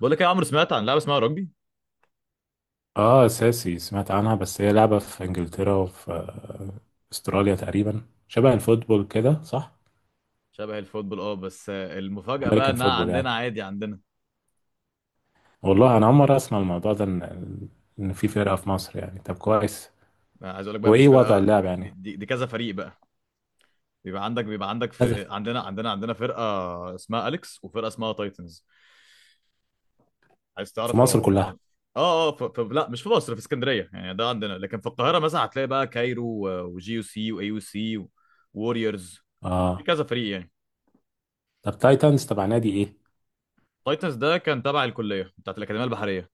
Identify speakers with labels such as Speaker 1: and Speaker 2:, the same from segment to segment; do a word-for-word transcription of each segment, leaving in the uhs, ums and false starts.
Speaker 1: بقول لك إيه يا عمرو، سمعت عن لعبه اسمها رجبي؟
Speaker 2: اه، اساسي سمعت عنها، بس هي لعبة في انجلترا وفي آه، استراليا تقريبا. شبه الفوتبول كده، صح؟
Speaker 1: شبه الفوتبول، اه بس آه، المفاجاه بقى
Speaker 2: امريكان
Speaker 1: انها
Speaker 2: فوتبول
Speaker 1: عندنا
Speaker 2: يعني.
Speaker 1: عادي عندنا.
Speaker 2: والله انا اول مرة اسمع الموضوع ده، ان ان في فرقة في مصر، يعني طب كويس.
Speaker 1: آه، عايز اقول لك بقى، مش
Speaker 2: وايه وضع
Speaker 1: فرقه،
Speaker 2: اللعب
Speaker 1: دي,
Speaker 2: يعني؟
Speaker 1: دي, دي كذا فريق بقى. بيبقى عندك بيبقى عندك
Speaker 2: كذا.
Speaker 1: فرق، عندنا عندنا عندنا فرقه اسمها اليكس وفرقه اسمها تايتنز. عايز
Speaker 2: في
Speaker 1: تعرف
Speaker 2: مصر
Speaker 1: هم
Speaker 2: كلها؟
Speaker 1: عم- اه اه ف... ف... لا مش في مصر، في اسكندريه يعني ده عندنا، لكن في القاهره مثلا هتلاقي بقى كايرو و- وجي يو سي واي يو سي ووريورز، في
Speaker 2: اه.
Speaker 1: كذا فريق يعني.
Speaker 2: طب تايتنز تبع نادي ايه؟
Speaker 1: تايتنز ده كان تبع الكليه بتاعت الاكاديميه البحريه.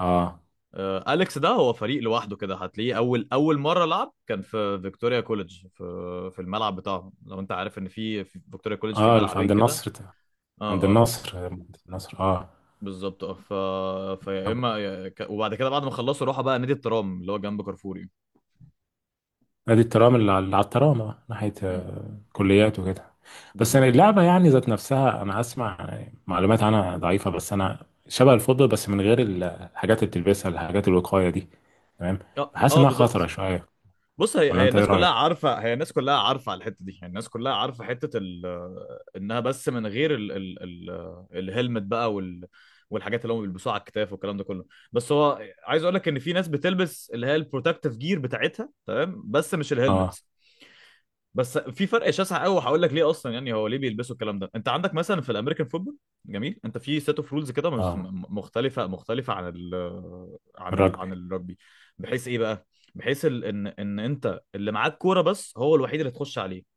Speaker 2: اه.
Speaker 1: آه، أليكس ده هو فريق لوحده كده، هتلاقيه أول أول مرة لعب كان في فيكتوريا كوليدج، في في الملعب بتاعهم، لو أنت عارف إن في في فيكتوريا كوليدج في
Speaker 2: اه، اللي في عند
Speaker 1: ملعبين كده.
Speaker 2: النصر،
Speaker 1: أه
Speaker 2: عند
Speaker 1: أه أه
Speaker 2: النصر، عند النصر، اه.
Speaker 1: بالظبط. أه ف... فيا
Speaker 2: طب
Speaker 1: إما يا- ك- وبعد كده بعد ما خلصوا راحوا بقى نادي الترام اللي هو جنب كارفوري.
Speaker 2: نادي الترام، اللي على اللي على الترام، اه، ناحية
Speaker 1: مم.
Speaker 2: آه، كليات وكده. بس يعني
Speaker 1: بالظبط.
Speaker 2: اللعبة يعني ذات نفسها، أنا أسمع يعني معلومات عنها ضعيفة، بس أنا شبه الفضة، بس من غير ال- الحاجات اللي بتلبسها، الحاجات الوقاية دي. تمام.
Speaker 1: أه
Speaker 2: بحس
Speaker 1: أه
Speaker 2: إنها خطرة
Speaker 1: بالظبط.
Speaker 2: شوية.
Speaker 1: بص، هي
Speaker 2: ولا
Speaker 1: هي
Speaker 2: أنت إيه
Speaker 1: الناس كلها
Speaker 2: رأيك؟
Speaker 1: عارفه، هي الناس كلها عارفه على الحته دي، يعني الناس كلها عارفه حته ال... انها بس من غير ال... ال... ال... الهلمت بقى وال... والحاجات اللي هم بيلبسوها على الكتاف والكلام ده كله. بس هو عايز اقول لك ان في ناس بتلبس اللي هي البروتكتيف جير بتاعتها، تمام، بس مش
Speaker 2: اه.
Speaker 1: الهلمت. بس في فرق شاسع قوي، وهقول لك ليه اصلا. يعني هو ليه بيلبسوا الكلام ده؟ انت عندك مثلا في الامريكان فوتبول، جميل، انت في سيت اوف رولز كده مس-
Speaker 2: اه،
Speaker 1: م- مختلفه، مختلفه عن ال عن ال
Speaker 2: الرجبي،
Speaker 1: عن الرugby، بحيث ايه بقى، بحيث ال- ان ان انت اللي معاك كوره بس، هو الوحيد اللي تخش عليه.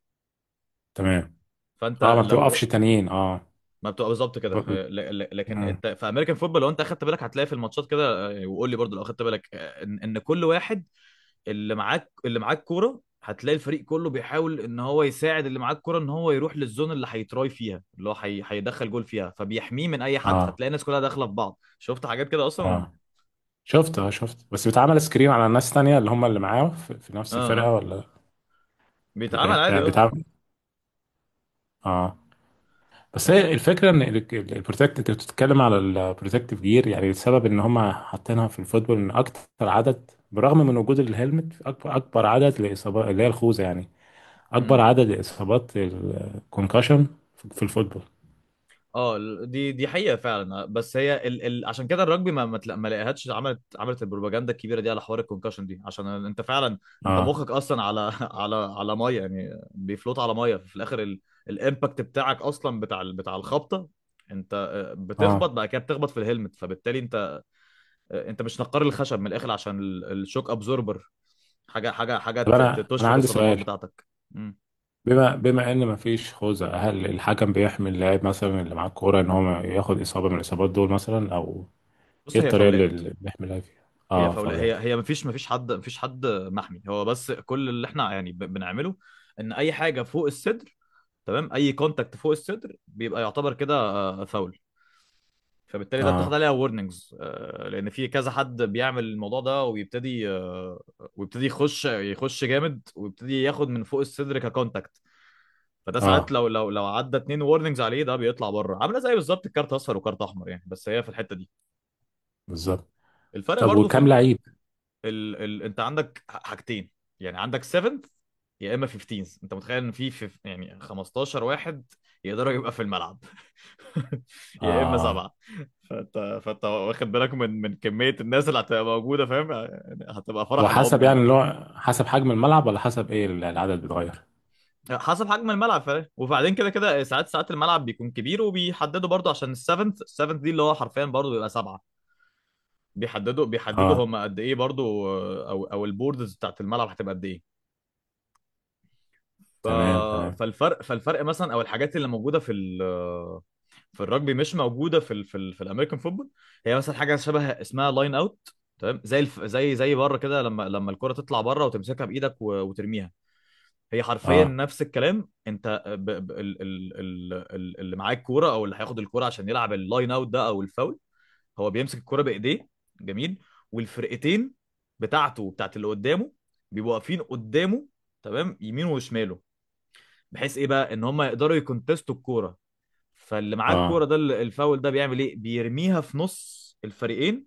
Speaker 2: تمام.
Speaker 1: فانت
Speaker 2: اه، ما
Speaker 1: لو ر-
Speaker 2: بتوقفش تانيين، اه.
Speaker 1: ما بتبقى بالظبط
Speaker 2: ب...
Speaker 1: كده،
Speaker 2: ب...
Speaker 1: آه، ل- ل- لكن
Speaker 2: مم.
Speaker 1: الت- في امريكان فوتبول لو انت اخدت بالك هتلاقي في الماتشات كده، آه، وقول لي برضو لو اخدت بالك، آه، ان ان كل واحد، اللي معاك اللي معاك كوره، هتلاقي الفريق كله بيحاول ان هو يساعد اللي معاه الكوره ان هو يروح للزون اللي هيتراي فيها، اللي هو هي- هيدخل جول فيها، فبيحميه من اي حد،
Speaker 2: اه.
Speaker 1: فتلاقي الناس كلها داخله في بعض. شفت حاجات كده اصلا.
Speaker 2: اه، شفت، اه شفت، بس بيتعمل سكرين على ناس تانية، اللي هم اللي معاه في, في نفس
Speaker 1: اه
Speaker 2: الفرقة،
Speaker 1: اه
Speaker 2: ولا؟
Speaker 1: بيتعمل
Speaker 2: بت-
Speaker 1: عادي، اه.
Speaker 2: بتعمل. اه. بس
Speaker 1: بس
Speaker 2: هي الفكره ان البروتكت، انت بتتكلم على البروتكتيف جير، يعني السبب ان هم حاطينها في الفوتبول ان اكتر عدد برغم من وجود الهلمت، اكبر اكبر عدد لاصابات اللي هي الخوذه يعني، اكبر
Speaker 1: مم.
Speaker 2: عدد لاصابات الكونكشن في الفوتبول.
Speaker 1: اه ال- دي دي حقيقه فعلا، آه، بس هي ال... ال... عشان كده الرجبي ما ما تلا- ما لقيهاش، عملت عملت البروباجندا الكبيره دي على حوار الكونكشن دي، عشان انت فعلا انت
Speaker 2: اه.
Speaker 1: مخك اصلا على على على ميه يعني، بيفلوت على ميه في الاخر. ال... الامباكت بتاعك اصلا بتاع ال- بتاع الخبطه، انت آه، بتخبط،
Speaker 2: اه،
Speaker 1: بعد كده بتخبط في الهلمت، فبالتالي انت آه، انت مش نقار الخشب من الاخر، عشان ال- الشوك ابزوربر، حاجه حاجه حاجه
Speaker 2: طب
Speaker 1: ت- ت-
Speaker 2: انا انا
Speaker 1: تشفط
Speaker 2: عندي
Speaker 1: الصدمات
Speaker 2: سؤال،
Speaker 1: بتاعتك. مم.
Speaker 2: بما بما ان مفيش خوذه، هل الحكم بيحمي اللاعب مثلا اللي معاه الكوره ان هو ما ياخد اصابه من الاصابات دول، مثلا؟ او
Speaker 1: بص،
Speaker 2: ايه
Speaker 1: هي
Speaker 2: الطريقه اللي
Speaker 1: فاولات.
Speaker 2: اللي بيحمي اللاعب فيها؟
Speaker 1: هي
Speaker 2: اه،
Speaker 1: فولا هي
Speaker 2: فاولات.
Speaker 1: هي مفيش مفيش حد مفيش حد محمي. هو بس كل اللي احنا يعني ب- بنعمله ان اي حاجه فوق الصدر، تمام، اي كونتاكت فوق الصدر بيبقى يعتبر كده آه، فاول، فبالتالي ده بتاخد
Speaker 2: اه.
Speaker 1: عليها وورنينجز، لان في كذا حد بيعمل الموضوع ده، ويبتدي، آه، ويبتدي يخش يخش جامد ويبتدي ياخد من فوق الصدر ككونتاكت. فده ساعات
Speaker 2: اه،
Speaker 1: لو لو لو عدى اتنين وورنينجز عليه، ده بيطلع بره، عامله زي بالظبط الكارت اصفر وكارت احمر يعني. بس هي في الحته دي
Speaker 2: بالظبط.
Speaker 1: الفرق
Speaker 2: طب
Speaker 1: برضو في
Speaker 2: وكام
Speaker 1: ال...
Speaker 2: لعيب؟
Speaker 1: ال... ال... انت عندك حاجتين، يعني عندك سبعة يا اما خمستاشر. انت متخيل ان في في- يعني خمستاشر واحد يقدروا يبقى في الملعب؟ يا اما
Speaker 2: اه.
Speaker 1: سبعه. فانت فانت واخد بالك من من كميه الناس اللي هتبقى موجوده. فاهم يعني؟ هتبقى فرح
Speaker 2: هو حسب
Speaker 1: العمده
Speaker 2: يعني،
Speaker 1: يعني.
Speaker 2: اللي هو حسب حجم الملعب، ولا حسب ايه، ال- العدد بيتغير؟
Speaker 1: حسب حجم الملعب، فاهم؟ وبعدين كده كده ساعات ساعات الملعب بيكون كبير، وبيحددوا برضو، عشان السفنت السفنت دي اللي هو حرفيا برضو بيبقى سبعه، بيحددوا بيحددوا
Speaker 2: اه.
Speaker 1: هم قد ايه برضو، او او البوردز بتاعت الملعب هتبقى قد ايه. ف...
Speaker 2: تمام، تمام.
Speaker 1: فالفرق فالفرق مثلا، او الحاجات اللي موجوده في ال... في الرجبي مش موجوده في ال... في, ال... في الامريكان فوتبول. هي مثلا حاجه شبه اسمها لاين اوت، تمام، زي الف... زي زي بره كده، لما لما الكره تطلع بره وتمسكها بايدك و... وترميها. هي حرفيا
Speaker 2: اه.
Speaker 1: نفس الكلام. انت ب... ب... ال... ال... ال... ال- اللي معاه الكوره، او اللي هياخد الكوره عشان يلعب اللاين اوت ده او الفاول، هو بيمسك الكوره بايديه، جميل، والفرقتين بتاعته وبتاعت اللي قدامه بيبقوا واقفين قدامه، تمام، يمين وشماله، بحيث ايه بقى، ان هم يقدروا يكونتستوا الكوره. فاللي معاه الكوره
Speaker 2: اه،
Speaker 1: ده ال- الفاول ده بيعمل ايه؟ بيرميها في نص الفريقين،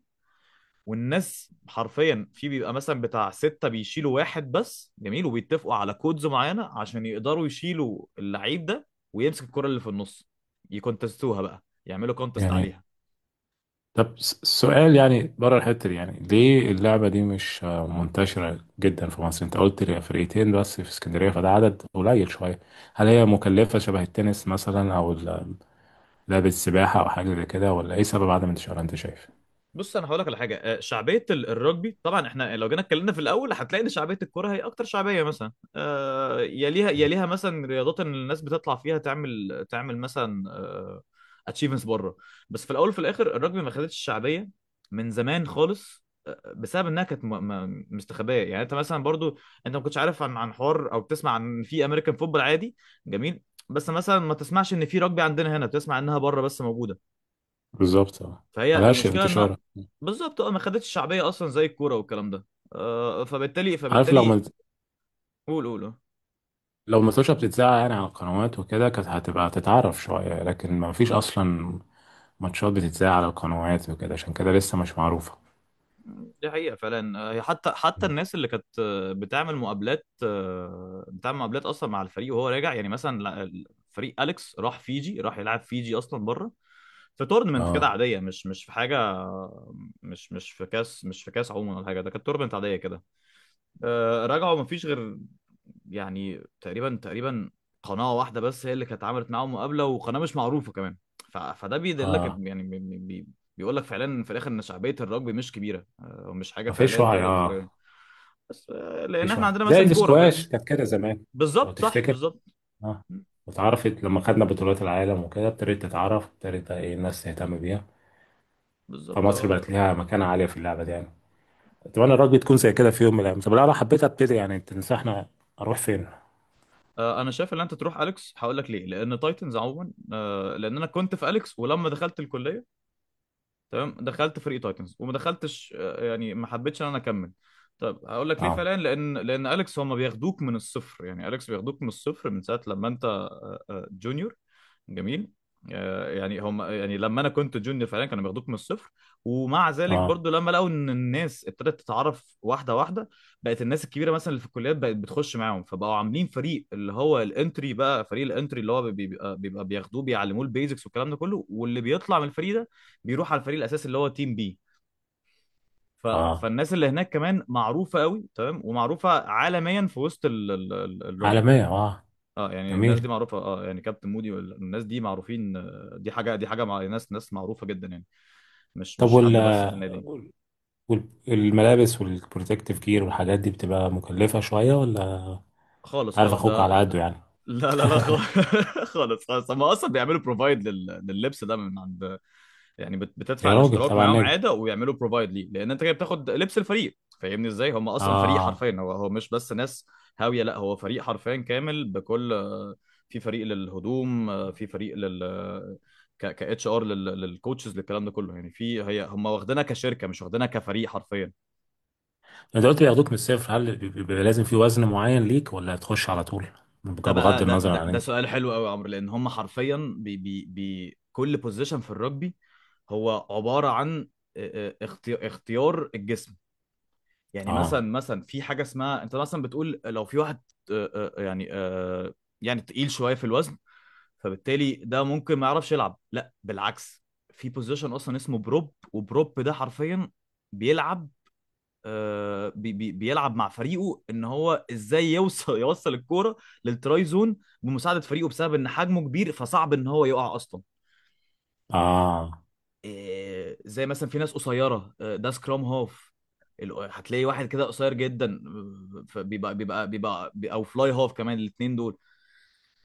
Speaker 1: والناس حرفيا في بيبقى مثلا بتاع ستة، بيشيلوا واحد بس، جميل، وبيتفقوا على كودز معينة عشان يقدروا يشيلوا اللعيب ده ويمسك الكرة اللي في النص، يكونتستوها بقى، يعملوا كونتست
Speaker 2: جميل.
Speaker 1: عليها.
Speaker 2: طب س- سؤال يعني، بره الحتة دي، يعني ليه اللعبة دي مش آه، منتشرة جدا في مصر؟ انت قلت لي فرقتين بس في اسكندرية، فده عدد قليل شوية. هل هي مكلفة شبه التنس مثلا، او ال- لعبة السباحة، او حاجة زي كده؟ ولا ايه سبب عدم انتشارها انت شايف؟
Speaker 1: بص، انا هقول لك على حاجه، آه، شعبيه ال- الرجبي، طبعا احنا لو جينا اتكلمنا في الاول هتلاقي ان شعبيه الكوره هي اكتر شعبيه، مثلا آه، يليها يليها مثلا رياضات ان الناس بتطلع فيها تعمل تعمل مثلا اتشيفمنتس بره. بس في الاول وفي الاخر الرجبي ما خدتش الشعبيه من زمان خالص، بسبب انها كانت م- م- مستخبيه، يعني انت مثلا برضو انت ما كنتش عارف عن عن حوار، او بتسمع عن في امريكان فوتبول عادي، جميل، بس مثلا ما تسمعش ان في رجبي عندنا هنا، بتسمع انها بره بس موجوده.
Speaker 2: بالظبط، اه،
Speaker 1: فهي
Speaker 2: ملهاش
Speaker 1: المشكله ان،
Speaker 2: انتشار.
Speaker 1: بالظبط، اه، ما خدتش شعبيه اصلا زي الكوره والكلام ده. آه، فبالتالي
Speaker 2: عارف، لو
Speaker 1: فبالتالي
Speaker 2: ما
Speaker 1: قول قول قول.
Speaker 2: لو ماتوشة بتتذاع يعني على القنوات وكده كانت هتبقى تتعرف شوية، لكن ما فيش أصلا ماتشات بتتذاع على القنوات وكده، عشان كده لسه مش معروفة.
Speaker 1: دي حقيقه فعلا. آه، هي حتى حتى الناس اللي كانت، آه، بتعمل مقابلات، آه، بتعمل مقابلات اصلا مع الفريق وهو راجع، يعني مثلا لا- فريق اليكس راح فيجي، راح يلعب فيجي اصلا بره في تورنمنت كده
Speaker 2: اه.
Speaker 1: عاديه، مش مش في حاجه آه، مش مش في كاس، مش في كاس عموما ولا حاجه، ده كانت تورنمنت عاديه كده. آه، رجعوا مفيش غير، يعني تقريبا تقريبا قناة واحدة بس هي اللي كانت عملت معاهم مقابلة، وقناة مش معروفة كمان. ف... فده بيدلك إن-
Speaker 2: اه،
Speaker 1: يعني بي... بي... بي- بيقول لك فعلا في الاخر ان شعبية الرugby مش كبيرة، آه، ومش حاجة
Speaker 2: ما
Speaker 1: فعليا
Speaker 2: فيش وعي.
Speaker 1: تقدر
Speaker 2: اه،
Speaker 1: تتفرج
Speaker 2: ما
Speaker 1: عليها. بس، آه، لان
Speaker 2: فيش
Speaker 1: احنا
Speaker 2: وعي
Speaker 1: عندنا
Speaker 2: زي
Speaker 1: مثلا كورة، فاهم؟
Speaker 2: الاسكواش كانت كده زمان، لو
Speaker 1: بالظبط صح
Speaker 2: تفتكر.
Speaker 1: بالظبط
Speaker 2: اه. واتعرفت لما خدنا بطولات العالم وكده، ابتدت تتعرف، ابتدت ايه، الناس تهتم بيها،
Speaker 1: بالظبط.
Speaker 2: فمصر
Speaker 1: آه،
Speaker 2: بقت ليها مكانة عالية في اللعبة دي يعني. اتمنى الرugby تكون زي كده في يوم من الايام. طب لو انا حبيت ابتدي، يعني تنصحنا اروح فين؟
Speaker 1: آه، انا شايف ان انت تروح اليكس، هقول لك ليه، لان تايتنز عموما آه، لان انا كنت في اليكس، ولما دخلت الكلية، تمام، دخلت فريق تايتنز، وما دخلتش، آه، يعني ما حبيتش ان انا اكمل. طب هقول لك ليه
Speaker 2: اه.
Speaker 1: فعلا، لان لان اليكس هم بياخدوك من الصفر، يعني اليكس بياخدوك من الصفر من ساعه لما انت آه، آه، جونيور، جميل. آه، يعني هم، يعني لما انا كنت جونيور فعلا كانوا بياخدوك من الصفر. ومع ذلك
Speaker 2: اه.
Speaker 1: برضو، لما لقوا ان الناس ابتدت تتعرف واحده واحده، بقت الناس الكبيره مثلا اللي في الكليات بقت بتخش معاهم، فبقوا عاملين فريق اللي هو الانتري بقى، فريق الانتري اللي هو بيبقى بيبقى بياخدوه بيعلموه البيزكس والكلام ده كله، واللي بيطلع من الفريق ده بيروح على الفريق الاساسي اللي هو تيم بي. ف...
Speaker 2: اه،
Speaker 1: فالناس اللي هناك كمان معروفه قوي، تمام، ومعروفه عالميا في وسط ال... ال... ال- الرugby.
Speaker 2: عالمية، اه.
Speaker 1: اه يعني الناس دي
Speaker 2: جميل.
Speaker 1: معروفه، اه، يعني كابتن مودي والناس دي معروفين. آه، دي حاجه دي حاجه مع ناس ناس معروفه جدا يعني، مش
Speaker 2: طب
Speaker 1: مش حد
Speaker 2: وال
Speaker 1: بس في النادي.
Speaker 2: وال- والملابس والبروتكتيف جير والحاجات دي بتبقى مكلفة شوية ولا؟
Speaker 1: خالص
Speaker 2: انت عارف
Speaker 1: خالص
Speaker 2: اخوك
Speaker 1: ده
Speaker 2: على
Speaker 1: ده-
Speaker 2: قده يعني.
Speaker 1: لا لا لا خالص خالص خالص هم اصلا بيعملوا بروفايد لل... لللبس ده من عند، يعني بت- بتدفع
Speaker 2: يا راجل
Speaker 1: الاشتراك
Speaker 2: تبع
Speaker 1: معاهم
Speaker 2: النادي.
Speaker 1: عاده، ويعملوا بروفايد ليه، لان انت كده بتاخد لبس الفريق. فاهمني ازاي؟ هم اصلا فريق
Speaker 2: اه.
Speaker 1: حرفيا، هو هو مش بس ناس هاويه، لا، هو فريق حرفيا كامل بكل، في فريق للهدوم، في فريق لل ك ك اتش ار، للكوتشز، للكلام ده كله يعني، في، هي هم واخدينها كشركه مش واخدينها كفريق حرفيا.
Speaker 2: انت قلت بياخدوك من الصفر، هل بي- بيبقى لازم في وزن معين ليك ولا تخش على طول،
Speaker 1: ده
Speaker 2: بغض
Speaker 1: بقى ده
Speaker 2: النظر
Speaker 1: ده,
Speaker 2: عن
Speaker 1: ده
Speaker 2: انت؟
Speaker 1: سؤال حلو قوي يا عمرو، لان هم حرفيا بي بي بي كل بوزيشن في الرugby هو عباره عن اه- اه اختي- اختيار الجسم. يعني مثلا
Speaker 2: اه.
Speaker 1: مثلا في حاجه اسمها، انت مثلا بتقول لو في واحد، آه، آه، يعني آه، يعني تقيل شويه في الوزن، فبالتالي ده ممكن ما يعرفش يلعب. لا، بالعكس، في بوزيشن اصلا اسمه بروب، وبروب ده حرفيا بيلعب، آه، بي بي بيلعب مع فريقه ان هو ازاي يوصل يوصل الكوره للتراي زون بمساعده فريقه، بسبب ان حجمه كبير فصعب ان هو يقع اصلا.
Speaker 2: اه،
Speaker 1: إيه، زي مثلا في ناس قصيره، آه، ده سكرام هاف، ال- هتلاقي واحد كده قصير جدا، آه، فبيبقى بيبقى بيبقى بي- او فلاي هاف كمان، الاثنين دول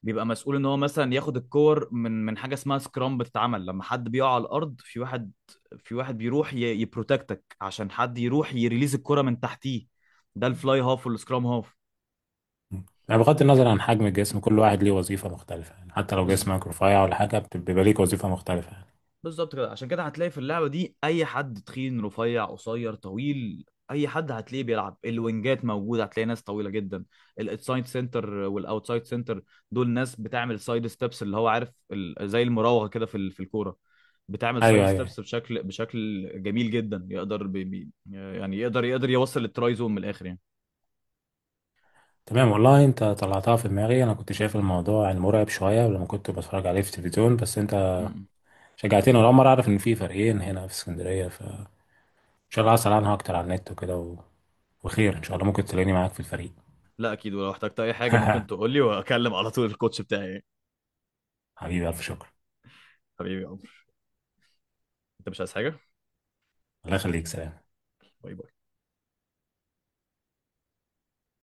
Speaker 1: بيبقى مسؤول ان هو مثلا ياخد الكور من من حاجه اسمها سكرام، بتتعمل لما حد بيقع على الارض، في واحد في واحد بيروح ي- يبروتكتك، عشان حد يروح يريليز الكره من تحتيه، ده الفلاي هاف والسكرام هاف.
Speaker 2: يعني بغض النظر عن حجم الجسم كل واحد ليه وظيفة مختلفة يعني، حتى لو جسمك رفيع ولا حاجة بت- بيبقى ليك وظيفة مختلفة يعني.
Speaker 1: بالظبط كده، عشان كده هتلاقي في اللعبه دي اي حد، تخين، رفيع، قصير، طويل، اي حد هتلاقيه بيلعب. الوينجات موجوده، هتلاقي ناس طويله جدا، السايد سنتر والاوتسايد سنتر، دول ناس بتعمل سايد ستيبس، اللي هو عارف ال- زي المراوغه كده في ال- في الكوره، بتعمل سايد
Speaker 2: ايوه، ايوه، أيوة.
Speaker 1: ستيبس بشكل، بشكل جميل جدا، يقدر بي بي- يعني يقدر يقدر يوصل للتراي زون من الاخر يعني.
Speaker 2: تمام، والله انت طلعتها في دماغي. انا كنت شايف الموضوع يعني مرعب شويه لما كنت بتفرج عليه في التلفزيون، بس انت
Speaker 1: م- م.
Speaker 2: شجعتني. ولا مرة أعرف إن في فريقين هنا في اسكندرية، فإن شاء الله هسأل عنها أكتر على النت وكده و... وخير إن شاء الله، ممكن تلاقيني معاك في الفريق.
Speaker 1: لا اكيد، ولو احتجت اي حاجه ممكن تقول لي، واكلم على طول الكوتش بتاعي.
Speaker 2: حبيبي، ألف شكر.
Speaker 1: حبيبي يا عمر، انت مش عايز حاجه؟
Speaker 2: الله يخليك، سلام.
Speaker 1: باي باي.